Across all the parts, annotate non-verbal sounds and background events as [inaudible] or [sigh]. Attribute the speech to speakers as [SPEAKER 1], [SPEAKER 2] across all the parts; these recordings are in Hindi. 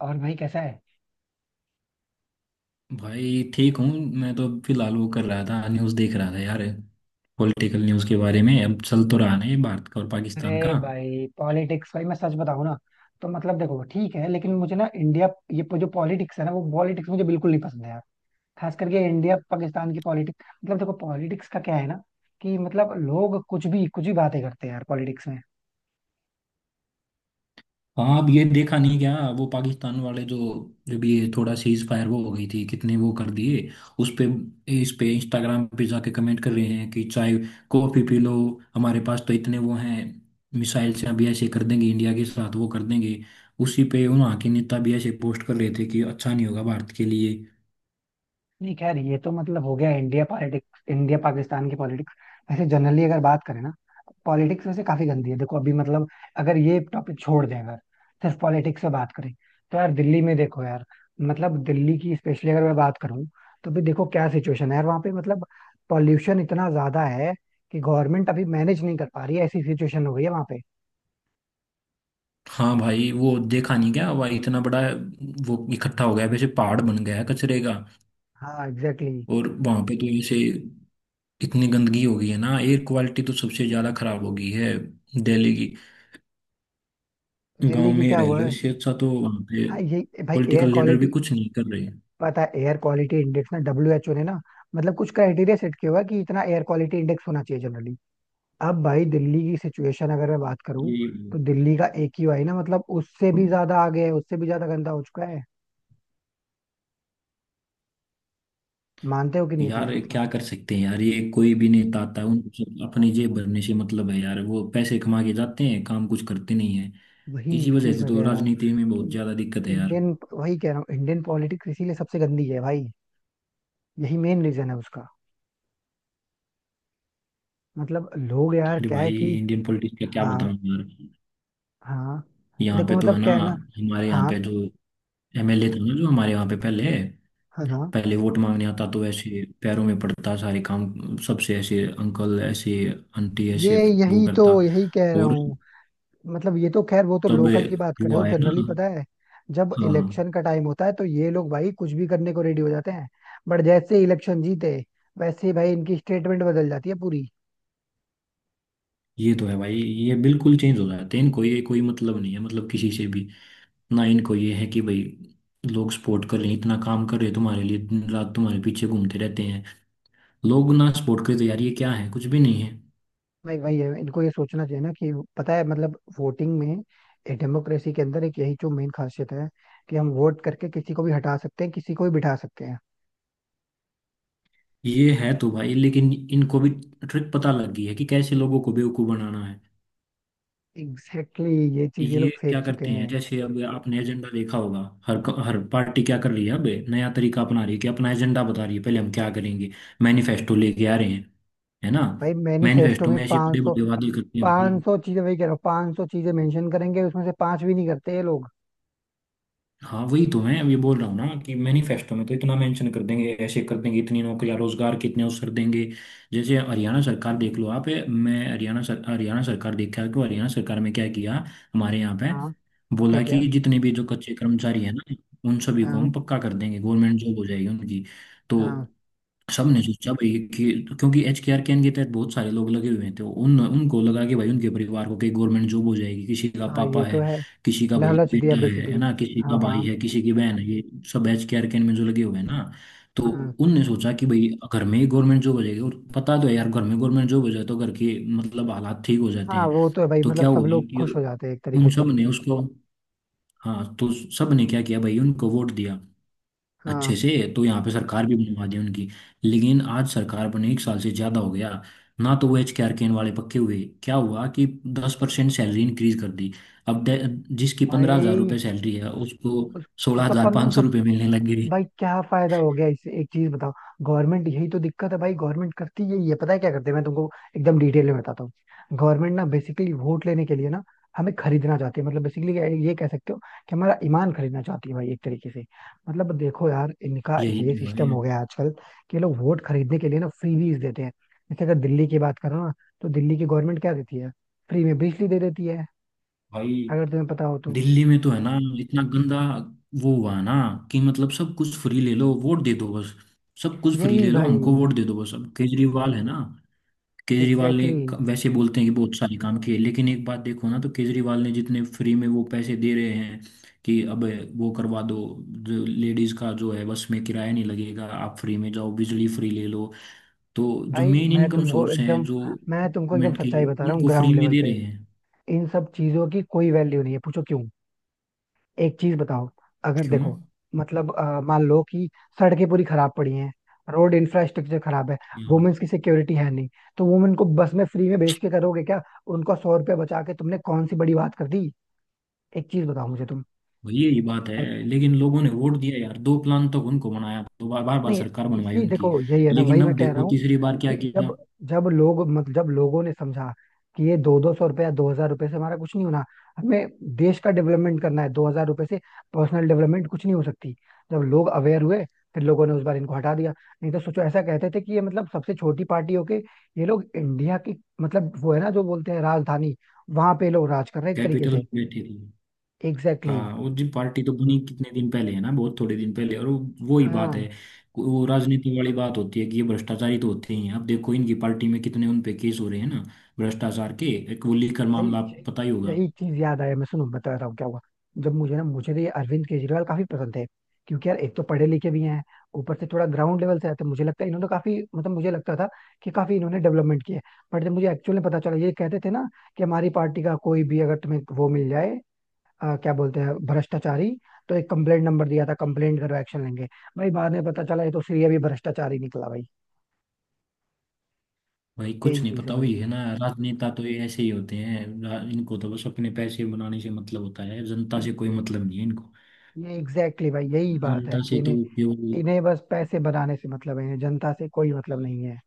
[SPEAKER 1] और भाई कैसा है।
[SPEAKER 2] भाई ठीक हूँ। मैं तो फिलहाल वो कर रहा था, न्यूज़ देख रहा था यार। पॉलिटिकल न्यूज़ के बारे में अब चल तो रहा नहीं भारत का और पाकिस्तान
[SPEAKER 1] अरे
[SPEAKER 2] का।
[SPEAKER 1] भाई पॉलिटिक्स, भाई मैं सच बताऊं ना। तो मतलब देखो ठीक है, लेकिन मुझे ना इंडिया जो पॉलिटिक्स है ना वो पॉलिटिक्स मुझे बिल्कुल नहीं पसंद है यार। खास करके इंडिया पाकिस्तान की पॉलिटिक्स, मतलब देखो पॉलिटिक्स का क्या है ना। कि मतलब लोग कुछ भी बातें करते हैं यार पॉलिटिक्स में।
[SPEAKER 2] हाँ, अब ये देखा नहीं क्या, वो पाकिस्तान वाले जो, जब ये थोड़ा सीज फायर वो हो गई थी, कितने वो कर दिए उस पे, इस पे इंस्टाग्राम पे जाके कमेंट कर रहे हैं कि चाय कॉफी पी लो, हमारे पास तो इतने वो हैं, मिसाइल से अभी ऐसे कर देंगे, इंडिया के साथ वो कर देंगे। उसी पे वहाँ के नेता भी ऐसे पोस्ट कर रहे थे कि अच्छा नहीं होगा भारत के लिए।
[SPEAKER 1] नहीं, खैर ये तो मतलब हो गया इंडिया पॉलिटिक्स, इंडिया पाकिस्तान की पॉलिटिक्स। वैसे जनरली अगर बात करें ना, पॉलिटिक्स वैसे काफी गंदी है। देखो अभी मतलब अगर ये टॉपिक छोड़ दें, अगर सिर्फ पॉलिटिक्स से बात करें, तो यार दिल्ली में देखो यार। मतलब दिल्ली की स्पेशली अगर मैं बात करूं, तो भी देखो क्या सिचुएशन है यार वहाँ पे। मतलब पॉल्यूशन इतना ज्यादा है कि गवर्नमेंट अभी मैनेज नहीं कर पा रही है। ऐसी सिचुएशन हो गई है वहाँ पे।
[SPEAKER 2] हाँ भाई, वो देखा नहीं क्या भाई, इतना बड़ा वो इकट्ठा हो गया है, वैसे पहाड़ बन गया है कचरे का।
[SPEAKER 1] हाँ एग्जैक्टली exactly।
[SPEAKER 2] और वहां पे तो ऐसे इतनी गंदगी हो गई है ना, एयर क्वालिटी तो सबसे ज्यादा खराब हो गई है दिल्ली की। गांव
[SPEAKER 1] दिल्ली की
[SPEAKER 2] में
[SPEAKER 1] क्या
[SPEAKER 2] रह
[SPEAKER 1] हुआ
[SPEAKER 2] लो
[SPEAKER 1] है।
[SPEAKER 2] इससे अच्छा, तो वहां पे
[SPEAKER 1] हाँ ये भाई एयर
[SPEAKER 2] पॉलिटिकल लीडर भी
[SPEAKER 1] क्वालिटी,
[SPEAKER 2] कुछ नहीं कर रहे हैं।
[SPEAKER 1] पता है एयर क्वालिटी इंडेक्स ना डब्ल्यूएचओ ने ना मतलब कुछ क्राइटेरिया सेट किया हुआ है कि इतना एयर क्वालिटी इंडेक्स होना चाहिए जनरली। अब भाई दिल्ली की सिचुएशन अगर मैं बात करूं,
[SPEAKER 2] ये,
[SPEAKER 1] तो दिल्ली का एक ही ना मतलब उससे भी ज्यादा आगे है, उससे भी ज्यादा गंदा हो चुका है। मानते हो कि नहीं ये चीज?
[SPEAKER 2] यार
[SPEAKER 1] मतलब
[SPEAKER 2] क्या कर सकते हैं यार, ये कोई भी नेता आता है, उनको सब अपनी जेब भरने से मतलब है यार, वो पैसे कमा के जाते हैं, काम कुछ करते नहीं है।
[SPEAKER 1] वही
[SPEAKER 2] इसी वजह
[SPEAKER 1] चीज
[SPEAKER 2] से
[SPEAKER 1] मैं
[SPEAKER 2] तो
[SPEAKER 1] कह रहा हूँ
[SPEAKER 2] राजनीति में बहुत
[SPEAKER 1] कि
[SPEAKER 2] ज्यादा दिक्कत है यार।
[SPEAKER 1] इंडियन, वही कह रहा हूँ, इंडियन पॉलिटिक्स इसीलिए सबसे गंदी है भाई। यही मेन रीजन है उसका। मतलब लोग यार
[SPEAKER 2] अरे
[SPEAKER 1] क्या है
[SPEAKER 2] भाई,
[SPEAKER 1] कि।
[SPEAKER 2] इंडियन पॉलिटिक्स का क्या
[SPEAKER 1] हाँ
[SPEAKER 2] बताऊं यार।
[SPEAKER 1] हाँ।
[SPEAKER 2] यहाँ पे
[SPEAKER 1] देखो
[SPEAKER 2] तो
[SPEAKER 1] मतलब
[SPEAKER 2] है ना,
[SPEAKER 1] क्या है ना।
[SPEAKER 2] हमारे यहाँ
[SPEAKER 1] हाँ
[SPEAKER 2] पे जो एमएलए था ना, जो हमारे यहाँ पे पहले,
[SPEAKER 1] हाँ हाँ।
[SPEAKER 2] पहले वोट मांगने आता तो ऐसे पैरों में पड़ता, सारे काम, सबसे ऐसे अंकल ऐसे, आंटी ऐसे
[SPEAKER 1] ये
[SPEAKER 2] वो
[SPEAKER 1] यही तो
[SPEAKER 2] करता।
[SPEAKER 1] यही कह रहा
[SPEAKER 2] और
[SPEAKER 1] हूँ। मतलब ये तो खैर वो तो
[SPEAKER 2] तब
[SPEAKER 1] लोकल की बात कर
[SPEAKER 2] वो
[SPEAKER 1] रहे हो।
[SPEAKER 2] आया ना।
[SPEAKER 1] जनरली पता है, जब
[SPEAKER 2] हाँ
[SPEAKER 1] इलेक्शन का टाइम होता है तो ये लोग भाई कुछ भी करने को रेडी हो जाते हैं। बट जैसे इलेक्शन जीते, वैसे ही भाई इनकी स्टेटमेंट बदल जाती है पूरी।
[SPEAKER 2] ये तो है भाई, ये बिल्कुल चेंज हो जाते हैं, इनको ये कोई मतलब नहीं है, मतलब किसी से भी ना। इनको ये है कि भाई लोग सपोर्ट कर रहे हैं, इतना काम कर रहे हैं तुम्हारे लिए, दिन रात तुम्हारे पीछे घूमते रहते हैं लोग, ना स्पोर्ट क्रेज, यार ये क्या है, कुछ भी नहीं है।
[SPEAKER 1] भाई भाई इनको ये सोचना चाहिए ना कि पता है मतलब वोटिंग में, एक डेमोक्रेसी के अंदर एक यही जो मेन खासियत है कि हम वोट करके किसी को भी हटा सकते हैं, किसी को भी बिठा सकते हैं।
[SPEAKER 2] ये है तो भाई, लेकिन इनको भी ट्रिक पता लग गई है कि कैसे लोगों को बेवकूफ बनाना है।
[SPEAKER 1] एग्जैक्टली exactly, ये चीज ये
[SPEAKER 2] ये
[SPEAKER 1] लोग फेंक
[SPEAKER 2] क्या
[SPEAKER 1] चुके
[SPEAKER 2] करते हैं,
[SPEAKER 1] हैं।
[SPEAKER 2] जैसे अब आपने एजेंडा देखा होगा, हर पार्टी क्या कर रही है, अब नया तरीका अपना रही है कि अपना एजेंडा बता रही है, पहले हम क्या करेंगे, मैनिफेस्टो लेके आ रहे हैं, है ना।
[SPEAKER 1] भाई मैनिफेस्टो
[SPEAKER 2] मैनिफेस्टो
[SPEAKER 1] में
[SPEAKER 2] में ऐसे बड़े
[SPEAKER 1] 500,
[SPEAKER 2] बड़े वादे करते हैं भाई।
[SPEAKER 1] 500 चीजें वही कह रहा हूँ, 500 चीजें मेंशन करेंगे, उसमें से पांच भी नहीं करते ये लोग।
[SPEAKER 2] हाँ वही तो मैं ये बोल रहा हूँ ना कि मैनिफेस्टो में तो इतना मेंशन कर देंगे, ऐसे कर देंगे, इतनी नौकरियां, रोजगार, कितने अवसर देंगे। जैसे हरियाणा सरकार देख लो आप, मैं हरियाणा सर हरियाणा सरकार देखा कि हरियाणा सरकार में क्या किया हमारे यहाँ पे।
[SPEAKER 1] हाँ। क्या
[SPEAKER 2] बोला
[SPEAKER 1] क्या?
[SPEAKER 2] कि जितने भी जो कच्चे कर्मचारी हैं ना, उन सभी को
[SPEAKER 1] हाँ
[SPEAKER 2] हम पक्का कर देंगे, गवर्नमेंट जॉब हो जाएगी उनकी। तो
[SPEAKER 1] हाँ
[SPEAKER 2] सब ने सोचा भाई कि क्योंकि एच के आर कैन के तहत बहुत सारे लोग लगे हुए हैं, तो उन उनको लगा कि भाई उनके परिवार को कहीं गवर्नमेंट जॉब हो जाएगी, किसी का
[SPEAKER 1] हाँ।
[SPEAKER 2] पापा
[SPEAKER 1] ये तो
[SPEAKER 2] है,
[SPEAKER 1] है।
[SPEAKER 2] किसी का भाई
[SPEAKER 1] लालच दिया
[SPEAKER 2] बेटा है
[SPEAKER 1] बेसिकली।
[SPEAKER 2] ना, किसी का
[SPEAKER 1] हाँ
[SPEAKER 2] भाई
[SPEAKER 1] हाँ
[SPEAKER 2] है, किसी की बहन है, ये सब एच के आर कैन में जो लगे हुए हैं ना। तो
[SPEAKER 1] हाँ
[SPEAKER 2] उनने सोचा कि भाई घर में ही गवर्नमेंट जॉब हो जाएगी, और पता तो है यार, घर में गवर्नमेंट जॉब हो जाए तो घर के मतलब हालात ठीक हो जाते
[SPEAKER 1] हाँ,
[SPEAKER 2] हैं।
[SPEAKER 1] वो तो है भाई।
[SPEAKER 2] तो
[SPEAKER 1] मतलब
[SPEAKER 2] क्या
[SPEAKER 1] सब
[SPEAKER 2] हुआ
[SPEAKER 1] लोग
[SPEAKER 2] कि
[SPEAKER 1] खुश हो जाते हैं एक तरीके
[SPEAKER 2] उन
[SPEAKER 1] से।
[SPEAKER 2] सब ने उसको, हाँ, तो सब ने क्या किया भाई, उनको वोट दिया अच्छे
[SPEAKER 1] हाँ
[SPEAKER 2] से। तो यहाँ पे सरकार भी बनवा दी उनकी। लेकिन आज सरकार बने एक साल से ज्यादा हो गया, ना तो वो एच के आर केन वाले पक्के हुए। क्या हुआ कि 10% सैलरी इंक्रीज कर दी। अब दे- जिसकी पंद्रह हजार
[SPEAKER 1] भाई
[SPEAKER 2] रुपये सैलरी है उसको
[SPEAKER 1] उस,
[SPEAKER 2] सोलह
[SPEAKER 1] उसका
[SPEAKER 2] हजार पाँच सौ
[SPEAKER 1] 1500।
[SPEAKER 2] रुपये मिलने लग गई।
[SPEAKER 1] भाई क्या फायदा हो गया इससे, एक चीज बताओ। गवर्नमेंट, यही तो दिक्कत है भाई। गवर्नमेंट करती यही है। पता है क्या करते हैं? मैं तुमको एकदम डिटेल में बताता हूँ। गवर्नमेंट ना बेसिकली वोट लेने के लिए ना हमें खरीदना चाहती है, मतलब बेसिकली। ये कह सकते हो कि हमारा ईमान खरीदना चाहती है भाई एक तरीके से। मतलब देखो यार इनका
[SPEAKER 2] यही
[SPEAKER 1] ये
[SPEAKER 2] तो है
[SPEAKER 1] सिस्टम हो गया है आजकल कि ये लोग वोट खरीदने के लिए ना फ्रीबीज देते हैं। जैसे अगर दिल्ली की बात करो ना, तो दिल्ली की गवर्नमेंट क्या देती है? फ्री में बिजली दे देती है,
[SPEAKER 2] भाई।
[SPEAKER 1] अगर तुम्हें पता हो तो।
[SPEAKER 2] दिल्ली में तो है ना, इतना गंदा वो हुआ ना, कि मतलब सब कुछ फ्री ले लो वोट दे दो बस, सब कुछ फ्री
[SPEAKER 1] यही
[SPEAKER 2] ले लो
[SPEAKER 1] भाई,
[SPEAKER 2] हमको वोट दे दो बस। अब केजरीवाल है ना,
[SPEAKER 1] एग्जैक्टली।
[SPEAKER 2] वैसे बोलते हैं कि बहुत सारे काम किए, लेकिन एक बात देखो ना, तो केजरीवाल ने जितने फ्री में वो पैसे दे रहे हैं कि अब वो करवा दो, जो लेडीज का जो है बस में किराया नहीं लगेगा, आप फ्री में जाओ, बिजली फ्री ले लो। तो जो
[SPEAKER 1] भाई
[SPEAKER 2] मेन
[SPEAKER 1] मैं
[SPEAKER 2] इनकम
[SPEAKER 1] तुमको
[SPEAKER 2] सोर्स हैं
[SPEAKER 1] एकदम
[SPEAKER 2] जो
[SPEAKER 1] मैं तुमको एकदम
[SPEAKER 2] गवर्नमेंट की,
[SPEAKER 1] सच्चाई बता रहा हूँ
[SPEAKER 2] उनको फ्री
[SPEAKER 1] ग्राउंड
[SPEAKER 2] में
[SPEAKER 1] लेवल
[SPEAKER 2] दे रहे
[SPEAKER 1] पे।
[SPEAKER 2] हैं।
[SPEAKER 1] इन सब चीजों की कोई वैल्यू नहीं है, पूछो क्यों। एक चीज बताओ, अगर
[SPEAKER 2] क्यों।
[SPEAKER 1] देखो मतलब मान लो कि सड़कें पूरी खराब पड़ी हैं, रोड इंफ्रास्ट्रक्चर खराब है,
[SPEAKER 2] हाँ,
[SPEAKER 1] वुमेन्स की सिक्योरिटी है नहीं। तो वुमेन को बस में फ्री में भेज के करोगे क्या? उनको 100 रुपया बचा के तुमने कौन सी बड़ी बात कर दी? एक चीज बताओ मुझे तुम,
[SPEAKER 2] वही, यही बात
[SPEAKER 1] है कि
[SPEAKER 2] है।
[SPEAKER 1] नहीं?
[SPEAKER 2] लेकिन लोगों ने वोट दिया यार, दो प्लान तक उनको बनाया, दो बार, बार बार
[SPEAKER 1] नहीं,
[SPEAKER 2] सरकार बनवाई
[SPEAKER 1] इसी
[SPEAKER 2] उनकी।
[SPEAKER 1] देखो यही है ना, वही
[SPEAKER 2] लेकिन
[SPEAKER 1] मैं
[SPEAKER 2] अब
[SPEAKER 1] कह रहा
[SPEAKER 2] देखो
[SPEAKER 1] हूँ
[SPEAKER 2] तीसरी बार क्या
[SPEAKER 1] कि
[SPEAKER 2] किया,
[SPEAKER 1] जब, जब लोग मतलब जब लोगों ने समझा कि ये दो दो सौ रुपया, 2,000 रुपये से हमारा कुछ नहीं होना। हमें देश का डेवलपमेंट करना है, 2,000 रुपये से पर्सनल डेवलपमेंट कुछ नहीं हो सकती। जब लोग अवेयर हुए, फिर लोगों ने उस बार इनको हटा दिया। नहीं तो सोचो, ऐसा कहते थे कि ये मतलब सबसे छोटी पार्टी होके ये लोग इंडिया की, मतलब वो है ना जो बोलते हैं राजधानी, वहां पे ये लोग राज कर रहे हैं एक तरीके
[SPEAKER 2] कैपिटल
[SPEAKER 1] से।
[SPEAKER 2] में बैठे थे।
[SPEAKER 1] एग्जैक्टली
[SPEAKER 2] हाँ,
[SPEAKER 1] exactly।
[SPEAKER 2] वो जी पार्टी तो बनी कितने दिन पहले, है ना, बहुत थोड़े दिन पहले, और वो ही बात है।
[SPEAKER 1] हाँ
[SPEAKER 2] वो राजनीति वाली बात होती है कि ये भ्रष्टाचारी तो होते ही हैं, अब देखो इनकी पार्टी में कितने उन पे केस हो रहे हैं ना, भ्रष्टाचार के, एक वो लेकर
[SPEAKER 1] भाई,
[SPEAKER 2] मामला आपको पता ही होगा।
[SPEAKER 1] यही चीज याद आया। मैं सुनो बता रहा हूँ क्या हुआ। जब मुझे तो ये अरविंद केजरीवाल काफी पसंद थे, क्योंकि यार एक तो पढ़े लिखे भी हैं, ऊपर से थोड़ा ग्राउंड लेवल से आते। मुझे लगता है इन्होंने काफी, मतलब मुझे लगता था कि काफी इन्होंने डेवलपमेंट किया है। बट जब मुझे एक्चुअली पता चला, ये कहते थे ना कि हमारी पार्टी का कोई भी अगर तुम्हें वो मिल जाए, क्या बोलते हैं, भ्रष्टाचारी, तो एक कंप्लेंट नंबर दिया था, कंप्लेंट करो, एक्शन लेंगे। भाई बाद में पता चला ये तो श्री अभी भ्रष्टाचारी निकला भाई।
[SPEAKER 2] भाई कुछ
[SPEAKER 1] यही
[SPEAKER 2] नहीं,
[SPEAKER 1] चीज है
[SPEAKER 2] पता,
[SPEAKER 1] भाई।
[SPEAKER 2] वही है ना, राजनेता तो ये ऐसे ही होते हैं, इनको तो बस अपने पैसे बनाने से मतलब होता है, जनता से कोई मतलब नहीं है इनको,
[SPEAKER 1] ये एग्जैक्टली exactly भाई, यही बात है
[SPEAKER 2] जनता
[SPEAKER 1] कि
[SPEAKER 2] से तो
[SPEAKER 1] इन्हें,
[SPEAKER 2] केवल
[SPEAKER 1] इन्हें बस पैसे बनाने से मतलब है, इन्हें जनता से कोई मतलब नहीं है।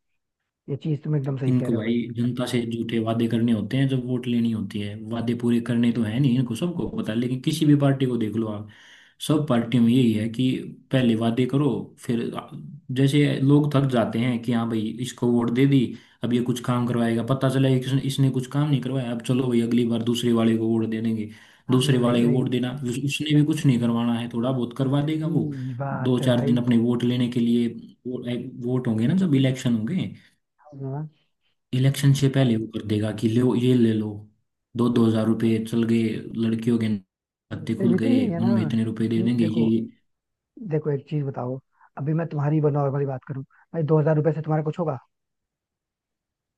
[SPEAKER 1] ये चीज तुम एकदम सही कह
[SPEAKER 2] इनको
[SPEAKER 1] रहे हो
[SPEAKER 2] भाई
[SPEAKER 1] भाई।
[SPEAKER 2] जनता से झूठे वादे करने होते हैं जब वोट लेनी होती है, वादे पूरे करने तो है नहीं इनको, सबको पता है। लेकिन किसी भी पार्टी को देख लो आप, सब पार्टियों में यही है कि पहले वादे करो, फिर जैसे लोग थक जाते हैं कि हाँ भाई इसको वोट दे दी, अब ये कुछ काम करवाएगा, पता चला कि इसने इसने कुछ काम नहीं करवाया, अब चलो भाई अगली बार दूसरे वाले को वोट दे देंगे। दूसरे
[SPEAKER 1] हाँ।
[SPEAKER 2] वाले को
[SPEAKER 1] यही
[SPEAKER 2] वोट देना, उसने भी कुछ नहीं करवाना है, थोड़ा बहुत करवा देगा वो,
[SPEAKER 1] यही
[SPEAKER 2] दो
[SPEAKER 1] बात है
[SPEAKER 2] चार दिन
[SPEAKER 1] भाई।
[SPEAKER 2] अपने वोट लेने के लिए। वोट होंगे ना, जब इलेक्शन होंगे,
[SPEAKER 1] हाँ
[SPEAKER 2] इलेक्शन से पहले वो कर देगा कि लो ये ले लो, दो दो हजार रुपये चल गए, लड़कियों के खाते
[SPEAKER 1] इससे
[SPEAKER 2] खुल
[SPEAKER 1] भी तो
[SPEAKER 2] गए,
[SPEAKER 1] यही है
[SPEAKER 2] उनमें
[SPEAKER 1] ना
[SPEAKER 2] इतने रुपए दे
[SPEAKER 1] कि
[SPEAKER 2] देंगे ये
[SPEAKER 1] देखो,
[SPEAKER 2] ये।
[SPEAKER 1] देखो एक चीज बताओ। अभी मैं तुम्हारी नॉर्मली बात करूं भाई, 2,000 रुपए से तुम्हारा कुछ होगा?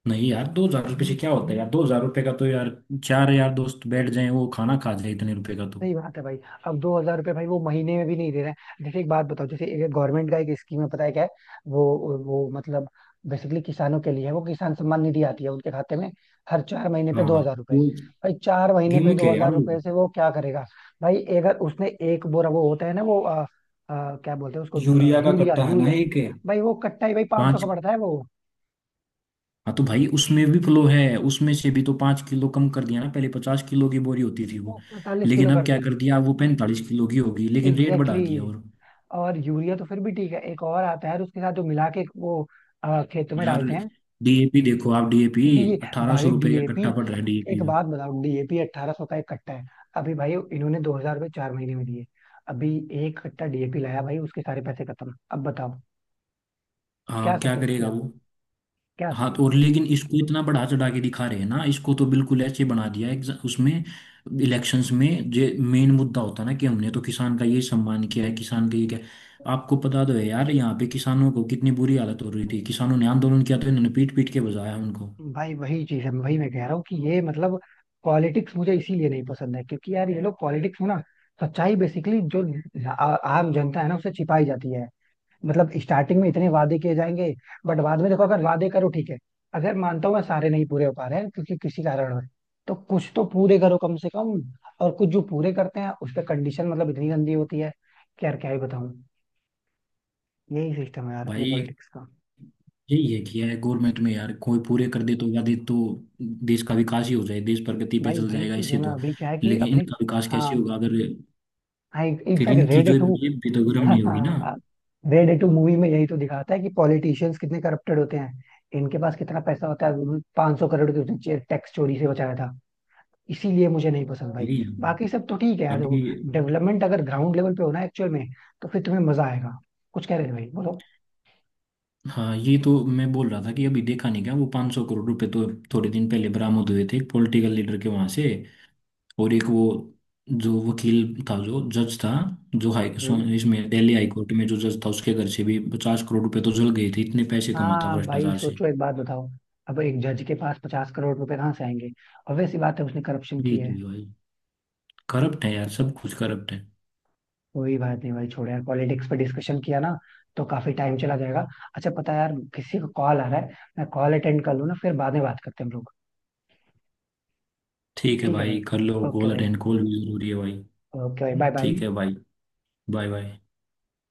[SPEAKER 2] नहीं यार, 2,000 रुपये से क्या होता है यार, 2,000 रुपये का तो यार चार यार दोस्त बैठ जाए वो खाना खा जाए इतने रुपए का तो।
[SPEAKER 1] सही बात है भाई। अब 2,000 रुपये भाई वो महीने में भी नहीं दे रहे हैं। जैसे एक बात बताओ, जैसे एक गवर्नमेंट का एक स्कीम है, पता है क्या है? वो वो मतलब बेसिकली किसानों के लिए है वो। किसान सम्मान निधि आती है उनके खाते में, हर 4 महीने पे दो
[SPEAKER 2] हाँ
[SPEAKER 1] हजार रुपए
[SPEAKER 2] वो,
[SPEAKER 1] भाई 4 महीने पे
[SPEAKER 2] गिमिक
[SPEAKER 1] दो
[SPEAKER 2] है
[SPEAKER 1] हजार
[SPEAKER 2] यार वो।
[SPEAKER 1] रुपए से वो क्या करेगा? भाई अगर उसने एक बोरा, वो होता है ना वो क्या बोलते हैं उसको,
[SPEAKER 2] यूरिया का
[SPEAKER 1] यूरिया
[SPEAKER 2] कट्टा है ना,
[SPEAKER 1] यूरिया
[SPEAKER 2] एक है
[SPEAKER 1] भाई वो कट्टा ही भाई 500 का
[SPEAKER 2] पांच।
[SPEAKER 1] पड़ता है वो।
[SPEAKER 2] हाँ तो भाई उसमें भी फ्लो है, उसमें से भी तो 5 किलो कम कर दिया ना, पहले 50 किलो की बोरी होती थी वो।
[SPEAKER 1] 45 किलो
[SPEAKER 2] लेकिन अब
[SPEAKER 1] कर
[SPEAKER 2] क्या
[SPEAKER 1] दी।
[SPEAKER 2] कर दिया, वो 45 किलो की होगी लेकिन रेट बढ़ा
[SPEAKER 1] एग्जैक्टली।
[SPEAKER 2] दिया और,
[SPEAKER 1] और यूरिया तो फिर भी ठीक है, एक और आता है और उसके साथ जो मिला के वो खेत में
[SPEAKER 2] यार
[SPEAKER 1] डालते हैं।
[SPEAKER 2] डीएपी देखो आप, डीएपी
[SPEAKER 1] डी
[SPEAKER 2] अट्ठारह सौ
[SPEAKER 1] भाई
[SPEAKER 2] रुपये का
[SPEAKER 1] डीएपी,
[SPEAKER 2] कट्टा पड़ रहा है
[SPEAKER 1] एक
[SPEAKER 2] डीएपी का।
[SPEAKER 1] बात बताओ। डीएपी 1,800 का एक कट्टा है। अभी भाई इन्होंने 2,000 रुपये 4 महीने में दिए। अभी एक कट्टा डीएपी लाया भाई, उसके सारे पैसे खत्म। अब बताओ, क्या
[SPEAKER 2] हाँ क्या
[SPEAKER 1] सपोर्ट
[SPEAKER 2] करेगा
[SPEAKER 1] किया,
[SPEAKER 2] वो।
[SPEAKER 1] क्या
[SPEAKER 2] हाँ तो
[SPEAKER 1] सपोर्ट
[SPEAKER 2] और
[SPEAKER 1] किया?
[SPEAKER 2] लेकिन इसको इतना बढ़ा चढ़ा के दिखा रहे हैं ना इसको, तो बिल्कुल ऐसे बना दिया है उसमें इलेक्शंस में जो मेन मुद्दा होता है ना कि हमने तो किसान का ये सम्मान किया है, किसान का ये क्या, आपको पता तो है यार यहाँ पे किसानों को कितनी बुरी हालत हो रही थी, किसानों ने आंदोलन किया तो इन्होंने पीट पीट के बजाया उनको।
[SPEAKER 1] भाई वही चीज है, वही मैं कह रहा हूँ कि ये मतलब पॉलिटिक्स मुझे इसीलिए नहीं पसंद है, क्योंकि यार ये लोग पॉलिटिक्स में ना सच्चाई, बेसिकली जो आम जनता है ना, उसे छिपाई जाती है। मतलब स्टार्टिंग में इतने वादे किए जाएंगे, बट बाद में देखो, अगर वादे करो ठीक है, अगर मानता हूँ मैं सारे नहीं पूरे हो पा रहे हैं क्योंकि किसी कारण है, तो कुछ तो पूरे करो कम से कम। और कुछ जो पूरे करते हैं उस पर कंडीशन मतलब इतनी गंदी होती है कि यार क्या ही बताऊं। यही सिस्टम है यार अपने
[SPEAKER 2] भाई
[SPEAKER 1] पॉलिटिक्स का।
[SPEAKER 2] यही ये किया है गवर्नमेंट में यार, कोई पूरे कर दे तो वादे तो, देश का विकास ही हो जाए, देश प्रगति पे
[SPEAKER 1] भाई
[SPEAKER 2] चल
[SPEAKER 1] वही
[SPEAKER 2] जाएगा
[SPEAKER 1] चीज
[SPEAKER 2] इससे
[SPEAKER 1] है ना,
[SPEAKER 2] तो।
[SPEAKER 1] अभी क्या है कि
[SPEAKER 2] लेकिन
[SPEAKER 1] अपने,
[SPEAKER 2] इनका विकास कैसे
[SPEAKER 1] हाँ
[SPEAKER 2] होगा अगर,
[SPEAKER 1] हाँ
[SPEAKER 2] फिर
[SPEAKER 1] इनफैक्ट
[SPEAKER 2] इनकी
[SPEAKER 1] रेड
[SPEAKER 2] जो
[SPEAKER 1] टू,
[SPEAKER 2] जेब भी तो गर्म नहीं होगी ना।
[SPEAKER 1] रेड टू मूवी [laughs] में यही तो दिखाता है कि पॉलिटिशियंस कितने करप्टेड होते हैं, इनके पास कितना पैसा होता है। 500 करोड़ की उसने टैक्स चोरी से बचाया था। इसीलिए मुझे नहीं पसंद भाई।
[SPEAKER 2] अभी,
[SPEAKER 1] बाकी सब तो ठीक है यार
[SPEAKER 2] अभी,
[SPEAKER 1] देखो, डेवलपमेंट अगर ग्राउंड लेवल पे हो ना एक्चुअल में, तो फिर तुम्हें मजा आएगा। कुछ कह रहे थे भाई, बोलो।
[SPEAKER 2] हाँ, ये तो मैं बोल रहा था कि अभी देखा नहीं क्या वो 500 करोड़ रुपए तो थोड़े दिन पहले बरामद हुए थे एक पॉलिटिकल लीडर के वहां से। और एक वो, जो वकील था, जो जज था, जो
[SPEAKER 1] हम्म।
[SPEAKER 2] इसमें दिल्ली हाई कोर्ट में जो जज था, उसके घर से भी 50 करोड़ रुपए तो जल गए थे, इतने पैसे कमाता
[SPEAKER 1] हाँ भाई
[SPEAKER 2] भ्रष्टाचार से।
[SPEAKER 1] सोचो, एक बात बताओ, अब एक जज के पास 50 करोड़ रुपए कहाँ से आएंगे? obvious सी बात है, उसने करप्शन
[SPEAKER 2] यही
[SPEAKER 1] किया
[SPEAKER 2] तो
[SPEAKER 1] है।
[SPEAKER 2] है भाई, करप्ट है यार, सब कुछ करप्ट है।
[SPEAKER 1] कोई बात नहीं भाई, छोड़ो यार। पॉलिटिक्स पे डिस्कशन किया ना, तो काफी टाइम चला जाएगा। अच्छा पता है यार, किसी को कॉल आ रहा है। मैं कॉल अटेंड कर लूँ ना, फिर बाद में बात करते हैं हम लोग।
[SPEAKER 2] ठीक है
[SPEAKER 1] ठीक है
[SPEAKER 2] भाई,
[SPEAKER 1] भाई,
[SPEAKER 2] कर लो
[SPEAKER 1] ओके
[SPEAKER 2] कॉल
[SPEAKER 1] भाई।
[SPEAKER 2] अटेंड, कॉल भी जरूरी है भाई।
[SPEAKER 1] ओके भाई, बाय
[SPEAKER 2] ठीक है
[SPEAKER 1] बाय।
[SPEAKER 2] भाई, बाय बाय।